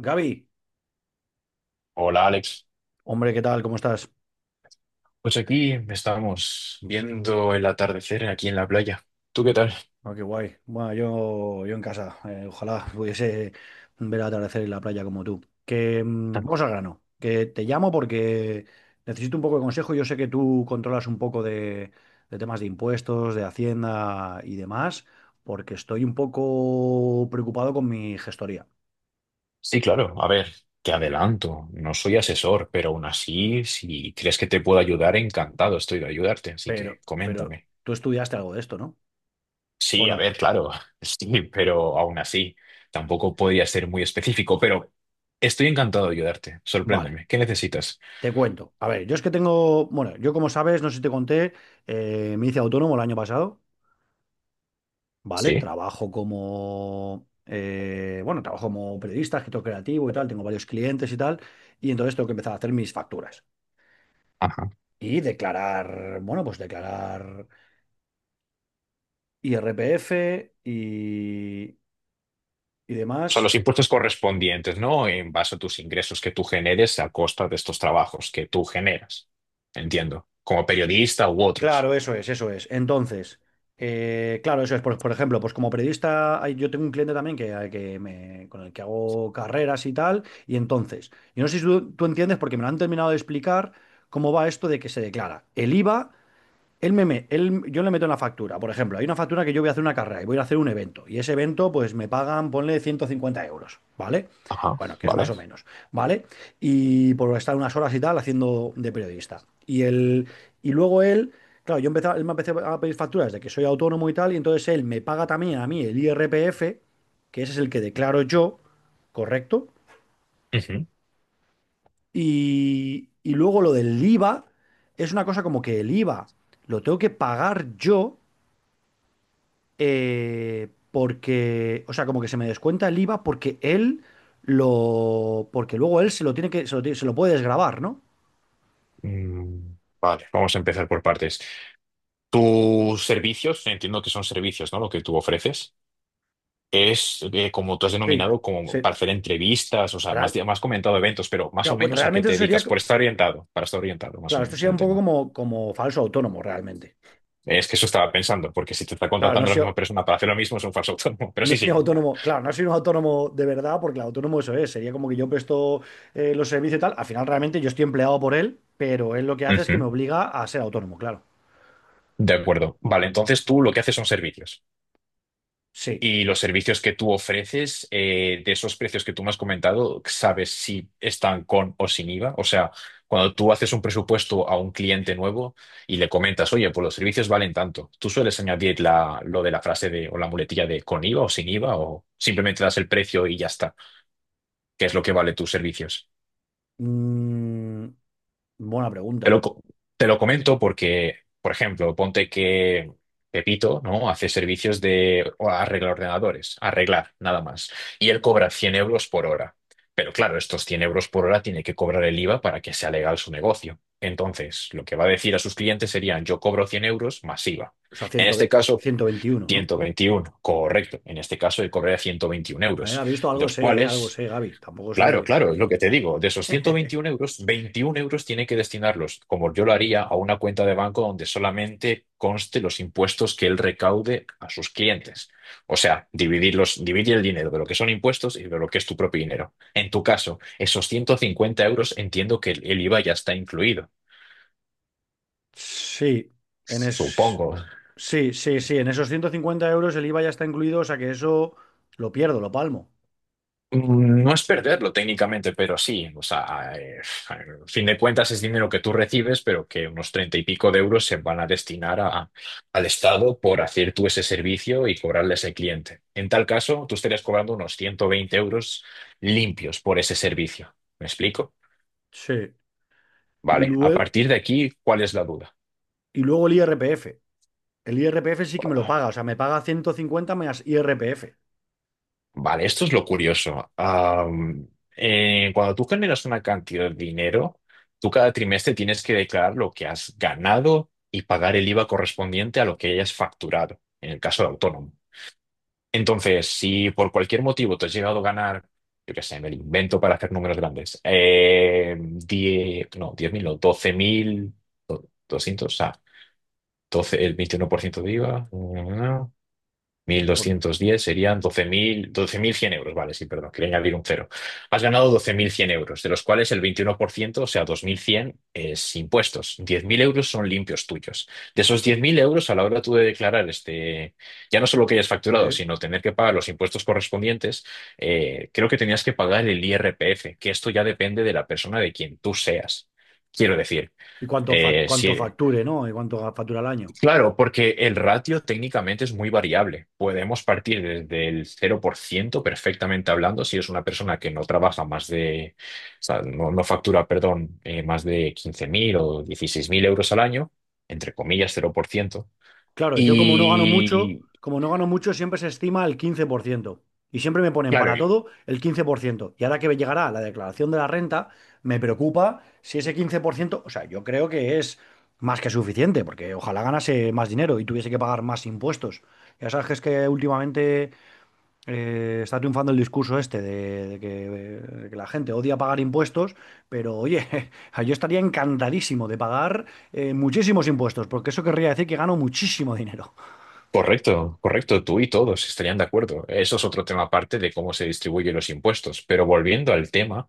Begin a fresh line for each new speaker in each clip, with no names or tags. Gaby,
Hola Alex,
hombre, ¿qué tal? ¿Cómo estás?
pues aquí estamos viendo el atardecer aquí en la playa. ¿Tú qué tal?
Ah, qué guay. Bueno, yo en casa. Ojalá pudiese ver el atardecer en la playa como tú. Que vamos al grano. Que te llamo porque necesito un poco de consejo. Yo sé que tú controlas un poco de temas de impuestos, de Hacienda y demás, porque estoy un poco preocupado con mi gestoría.
Sí, claro, a ver, te adelanto, no soy asesor, pero aún así, si crees que te puedo ayudar, encantado estoy de ayudarte, así que
Pero
coméntame.
tú estudiaste algo de esto, ¿no? ¿O
Sí, a
no?
ver, claro, sí, pero aún así, tampoco podría ser muy específico, pero estoy encantado de ayudarte,
Vale.
sorpréndeme, ¿qué necesitas?
Te cuento. A ver, yo es que tengo, bueno, yo como sabes, no sé si te conté, me hice autónomo el año pasado, ¿vale?
Sí.
Trabajo como periodista, escritor creativo y tal, tengo varios clientes y tal, y entonces tengo que empezar a hacer mis facturas y declarar, bueno, pues declarar IRPF y, y
O sea,
demás.
los impuestos correspondientes, ¿no? En base a tus ingresos que tú generes a costa de estos trabajos que tú generas. Entiendo. Como periodista u otros.
Claro, eso es, eso es. Entonces, claro, eso es. Por ejemplo, pues como periodista, yo tengo un cliente también que, al que con el que hago carreras y tal. Y entonces, yo no sé si tú entiendes, porque me lo han terminado de explicar, cómo va esto de que se declara el IVA, él me, me- él- yo le meto en la factura. Por ejemplo, hay una factura que yo voy a hacer una carrera y voy a hacer un evento, y ese evento pues me pagan, ponle 150 euros, ¿vale?
Ajá,
Bueno, que es más
vale.
o menos, ¿vale? Y por estar unas horas y tal haciendo de periodista. Y él, y luego él, claro, yo empezaba, él me empecé a pedir facturas de que soy autónomo y tal, y entonces él me paga también a mí el IRPF, que ese es el que declaro yo, ¿correcto?
Ujú.
Y luego lo del IVA, es una cosa como que el IVA lo tengo que pagar yo porque, o sea, como que se me descuenta el IVA porque él lo, porque luego él se lo tiene que, se lo, tiene- se lo puede desgravar, ¿no?
Vale, vamos a empezar por partes. Tus servicios, entiendo que son servicios, ¿no? Lo que tú ofreces. Es como tú has
Sí,
denominado, como
sí.
para hacer entrevistas, o sea, más,
Real,
más comentado eventos, pero más o
claro, bueno,
menos a qué
realmente
te
eso sería,
dedicas, por estar orientado, para estar orientado más o
claro, esto
menos
sería
en el
un poco
tema.
como falso autónomo, realmente.
Es que eso estaba pensando, porque si te está
Claro, no
contratando la
soy,
misma persona para hacer lo mismo, es un falso autónomo. Pero
no
sí,
soy
sí. Ya.
autónomo, claro, no soy un autónomo de verdad, porque el autónomo eso es, sería como que yo presto los servicios y tal. Al final realmente yo estoy empleado por él, pero él lo que hace es que
Ujú.
me obliga a ser autónomo, claro.
De acuerdo. Vale, entonces tú lo que haces son servicios.
Sí.
Y los servicios que tú ofreces, de esos precios que tú me has comentado, ¿sabes si están con o sin IVA? O sea, cuando tú haces un presupuesto a un cliente nuevo y le comentas, oye, pues los servicios valen tanto, ¿tú sueles añadir lo de la frase de, o la muletilla de con IVA o sin IVA? ¿O simplemente das el precio y ya está? ¿Qué es lo que vale tus servicios?
Mm, buena
Te lo,
pregunta.
co- Te lo comento porque, por ejemplo, ponte que Pepito, ¿no? Hace servicios de o arreglar ordenadores, arreglar, nada más. Y él cobra 100 euros por hora. Pero claro, estos 100 euros por hora tiene que cobrar el IVA para que sea legal su negocio. Entonces, lo que va a decir a sus clientes serían: yo cobro 100 euros más IVA.
O sea,
En este caso,
121, ¿no?
121, correcto. En este caso, él cobraría 121 euros,
¿Ha visto?
los
Algo
cuales...
sé, Gaby. Tampoco
Claro,
soy.
claro, es lo que te digo. De esos 121 euros, 21 euros tiene que destinarlos, como yo lo haría, a una cuenta de banco donde solamente conste los impuestos que él recaude a sus clientes. O sea, dividir el dinero de lo que son impuestos y de lo que es tu propio dinero. En tu caso, esos 150 euros entiendo que el IVA ya está incluido.
Sí, en es...
Supongo.
sí, sí, sí. En esos 150 € el IVA ya está incluido, o sea que eso lo pierdo, lo palmo.
No es perderlo técnicamente, pero sí, o sea, a fin de cuentas es dinero que tú recibes, pero que unos treinta y pico de euros se van a destinar al Estado por hacer tú ese servicio y cobrarle a ese cliente. En tal caso, tú estarías cobrando unos 120 euros limpios por ese servicio. ¿Me explico?
Sí. Y
Vale, a
luego,
partir de aquí, ¿cuál es la duda?
y luego el IRPF. El IRPF sí que me lo paga, o sea, me paga 150 más IRPF.
Vale, esto es lo curioso. Cuando tú generas una cantidad de dinero, tú cada trimestre tienes que declarar lo que has ganado y pagar el IVA correspondiente a lo que hayas facturado, en el caso de autónomo. Entonces, si por cualquier motivo te has llegado a ganar, yo qué sé, me lo invento para hacer números grandes, 10, no, 10.000, no, 12.200, o sea, 12 el 21% de IVA, mil
Por...
doscientos diez serían 12.100 euros, vale, sí, perdón, quería añadir un cero. Has ganado 12.100 euros, de los cuales el 21%, o sea, 2.100 es impuestos. 10.000 euros son limpios tuyos. De esos 10.000 euros, a la hora tú de declarar este, ya no solo que hayas facturado,
sí.
sino tener que pagar los impuestos correspondientes, creo que tenías que pagar el IRPF, que esto ya depende de la persona de quien tú seas. Quiero decir,
Y cuánto, fa- cuánto
si,
facture, ¿no? Y cuánto factura al año.
claro, porque el ratio técnicamente es muy variable. Podemos partir desde el 0%, perfectamente hablando, si es una persona que no trabaja más de, o sea, no, no factura, perdón, más de 15.000 o 16.000 euros al año, entre comillas, 0%.
Claro, yo como no gano mucho,
Y
como no gano mucho, siempre se estima el 15%. Y siempre me ponen
claro,
para todo el 15%. Y ahora que llegará la declaración de la renta, me preocupa si ese 15%, o sea, yo creo que es más que suficiente, porque ojalá ganase más dinero y tuviese que pagar más impuestos. Ya sabes que es que últimamente está triunfando el discurso este de que la gente odia pagar impuestos, pero oye, yo estaría encantadísimo de pagar muchísimos impuestos, porque eso querría decir que gano muchísimo dinero.
correcto, correcto, tú y todos estarían de acuerdo. Eso es otro tema aparte de cómo se distribuyen los impuestos. Pero volviendo al tema.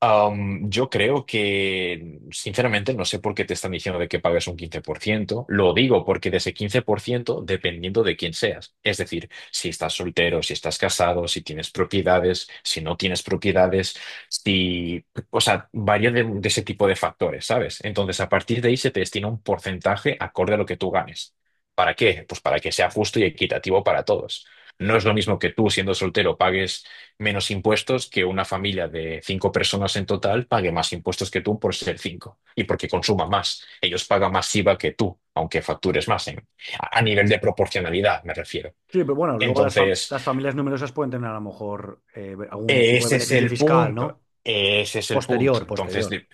Yo creo que, sinceramente, no sé por qué te están diciendo de que pagues un 15%. Lo digo porque de ese 15%, dependiendo de quién seas, es decir, si estás soltero, si estás casado, si tienes propiedades, si no tienes propiedades, si, o sea, varía de ese tipo de factores, ¿sabes? Entonces, a partir de ahí se te destina un porcentaje acorde a lo que tú ganes. ¿Para qué? Pues para que sea justo y equitativo para todos. No es lo mismo que tú, siendo soltero, pagues menos impuestos que una familia de 5 personas en total pague más impuestos que tú por ser cinco y porque consuma más. Ellos pagan más IVA que tú, aunque factures más a nivel de proporcionalidad, me refiero.
Sí, pero bueno, luego las, fam-
Entonces,
las familias numerosas pueden tener a lo mejor algún tipo de
ese es
beneficio
el
fiscal,
punto,
¿no?
ese es el punto.
Posterior,
Entonces,
posterior.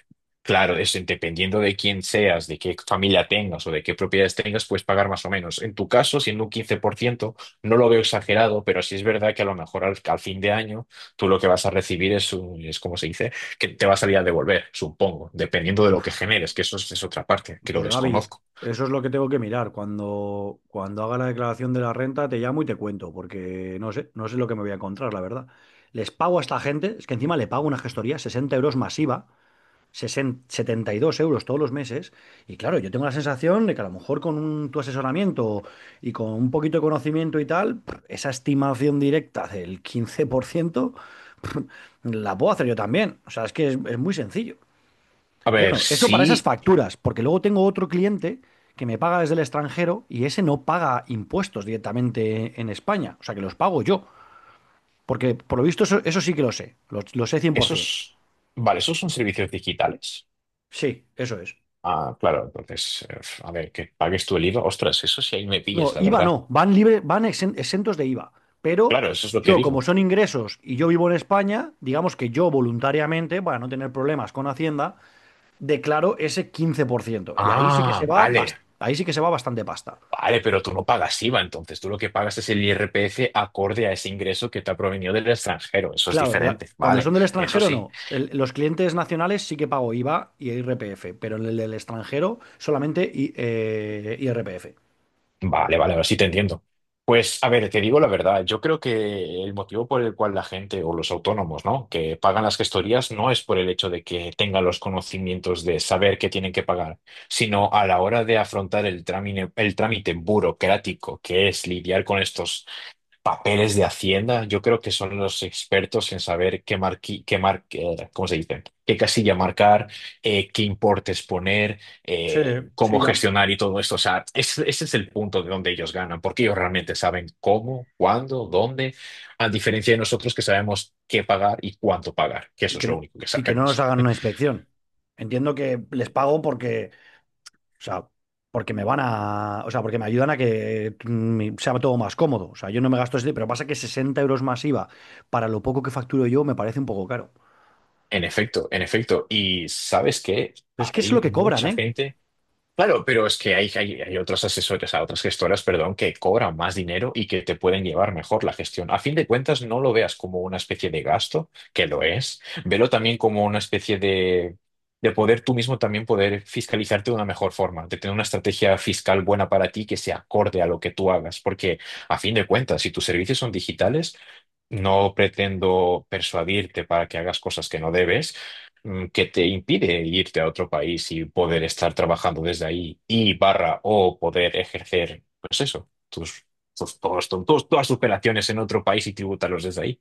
claro, es dependiendo de quién seas, de qué familia tengas o de qué propiedades tengas, puedes pagar más o menos. En tu caso, siendo un 15%, no lo veo exagerado, pero sí es verdad que a lo mejor al fin de año tú lo que vas a recibir es, es como se dice, que te va a salir a devolver, supongo, dependiendo de lo que generes, que eso es otra parte, que lo
Pues Gaby,
desconozco.
eso es lo que tengo que mirar. Cuando haga la declaración de la renta, te llamo y te cuento, porque no sé lo que me voy a encontrar, la verdad. Les pago a esta gente, es que encima le pago una gestoría, 60 € masiva, 60 72 € todos los meses. Y claro, yo tengo la sensación de que a lo mejor con tu asesoramiento y con un poquito de conocimiento y tal, pff, esa estimación directa del 15% la puedo hacer yo también. O sea, es que es muy sencillo.
A ver,
Bueno, eso para esas
sí,
facturas, porque luego tengo otro cliente que me paga desde el extranjero y ese no paga impuestos directamente en España, o sea que los pago yo, porque por lo visto eso sí que lo sé, lo sé 100%.
esos, vale, esos son servicios digitales.
Sí, eso es.
Ah, claro, entonces, a ver, que pagues tú el IVA. Ostras, eso sí ahí me
No,
pillas, la
IVA no,
verdad.
van libre, van exentos de IVA, pero
Claro, eso es lo que
yo como
digo.
son ingresos y yo vivo en España, digamos que yo voluntariamente, para no tener problemas con Hacienda, declaro ese 15% y
Ah, vale,
ahí sí que se va bastante pasta.
vale, pero tú no pagas IVA, entonces tú lo que pagas es el IRPF acorde a ese ingreso que te ha provenido del extranjero. Eso es
Claro,
diferente,
cuando
vale,
son del
eso
extranjero
sí.
no. Los clientes nacionales sí que pago IVA y IRPF, pero en el del extranjero solamente IRPF.
Vale, vale, ahora sí te entiendo. Pues a ver, te digo la verdad, yo creo que el motivo por el cual la gente o los autónomos, ¿no?, que pagan las gestorías no es por el hecho de que tengan los conocimientos de saber que tienen que pagar, sino a la hora de afrontar el trámite burocrático que es lidiar con estos papeles de Hacienda. Yo creo que son los expertos en saber qué marqui, qué mar, ¿cómo se dice? Qué casilla marcar, qué importes poner,
Sí, sí,
cómo
ya.
gestionar y todo esto. O sea, ese es el punto de donde ellos ganan, porque ellos realmente saben cómo, cuándo, dónde, a diferencia de nosotros que sabemos qué pagar y cuánto pagar, que
Y
eso es
que,
lo
no-
único que
y que no nos
sabemos.
hagan una inspección. Entiendo que les pago porque, o sea, porque me van a, o sea, porque me ayudan a que sea todo más cómodo. O sea, yo no me gasto ese, pero pasa que 60 € más IVA para lo poco que facturo yo me parece un poco caro.
En efecto, en efecto. Y ¿sabes qué?
Pero es que es
Hay
lo que cobran,
mucha
¿eh?
gente. Claro, pero es que hay otros asesores, o otras gestoras, perdón, que cobran más dinero y que te pueden llevar mejor la gestión. A fin de cuentas, no lo veas como una especie de gasto, que lo es, velo también como una especie de, poder tú mismo también poder fiscalizarte de una mejor forma, de tener una estrategia fiscal buena para ti que se acorde a lo que tú hagas, porque a fin de cuentas, si tus servicios son digitales, no pretendo persuadirte para que hagas cosas que no debes, que te impide irte a otro país y poder estar trabajando desde ahí y barra o poder ejercer, pues eso, todas tus operaciones en otro país y tributarlos desde ahí.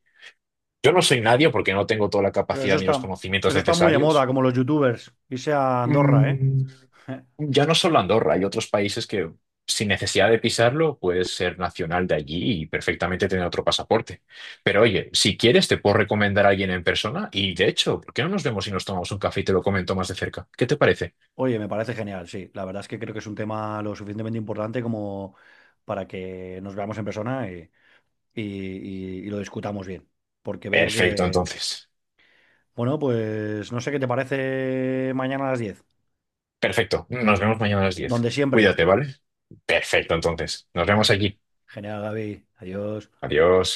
Yo no soy nadie porque no tengo toda la
O sea, eso
capacidad ni
está,
los conocimientos
eso está muy de moda,
necesarios.
como los youtubers. Irse a Andorra, ¿eh?
Mm,
Eh,
ya no solo Andorra, hay otros países que sin necesidad de pisarlo puedes ser nacional de allí y perfectamente tener otro pasaporte. Pero oye, si quieres te puedo recomendar a alguien en persona y, de hecho, ¿por qué no nos vemos y nos tomamos un café y te lo comento más de cerca? ¿Qué te parece?
Oye, me parece genial, sí. La verdad es que creo que es un tema lo suficientemente importante como para que nos veamos en persona y, y lo discutamos bien. Porque veo
Perfecto,
que,
entonces.
bueno, pues no sé qué te parece mañana a las 10.
Perfecto. Nos vemos mañana a las 10.
Donde siempre.
Cuídate, ¿vale? Perfecto, entonces. Nos vemos allí.
Genial, Gaby. Adiós.
Adiós.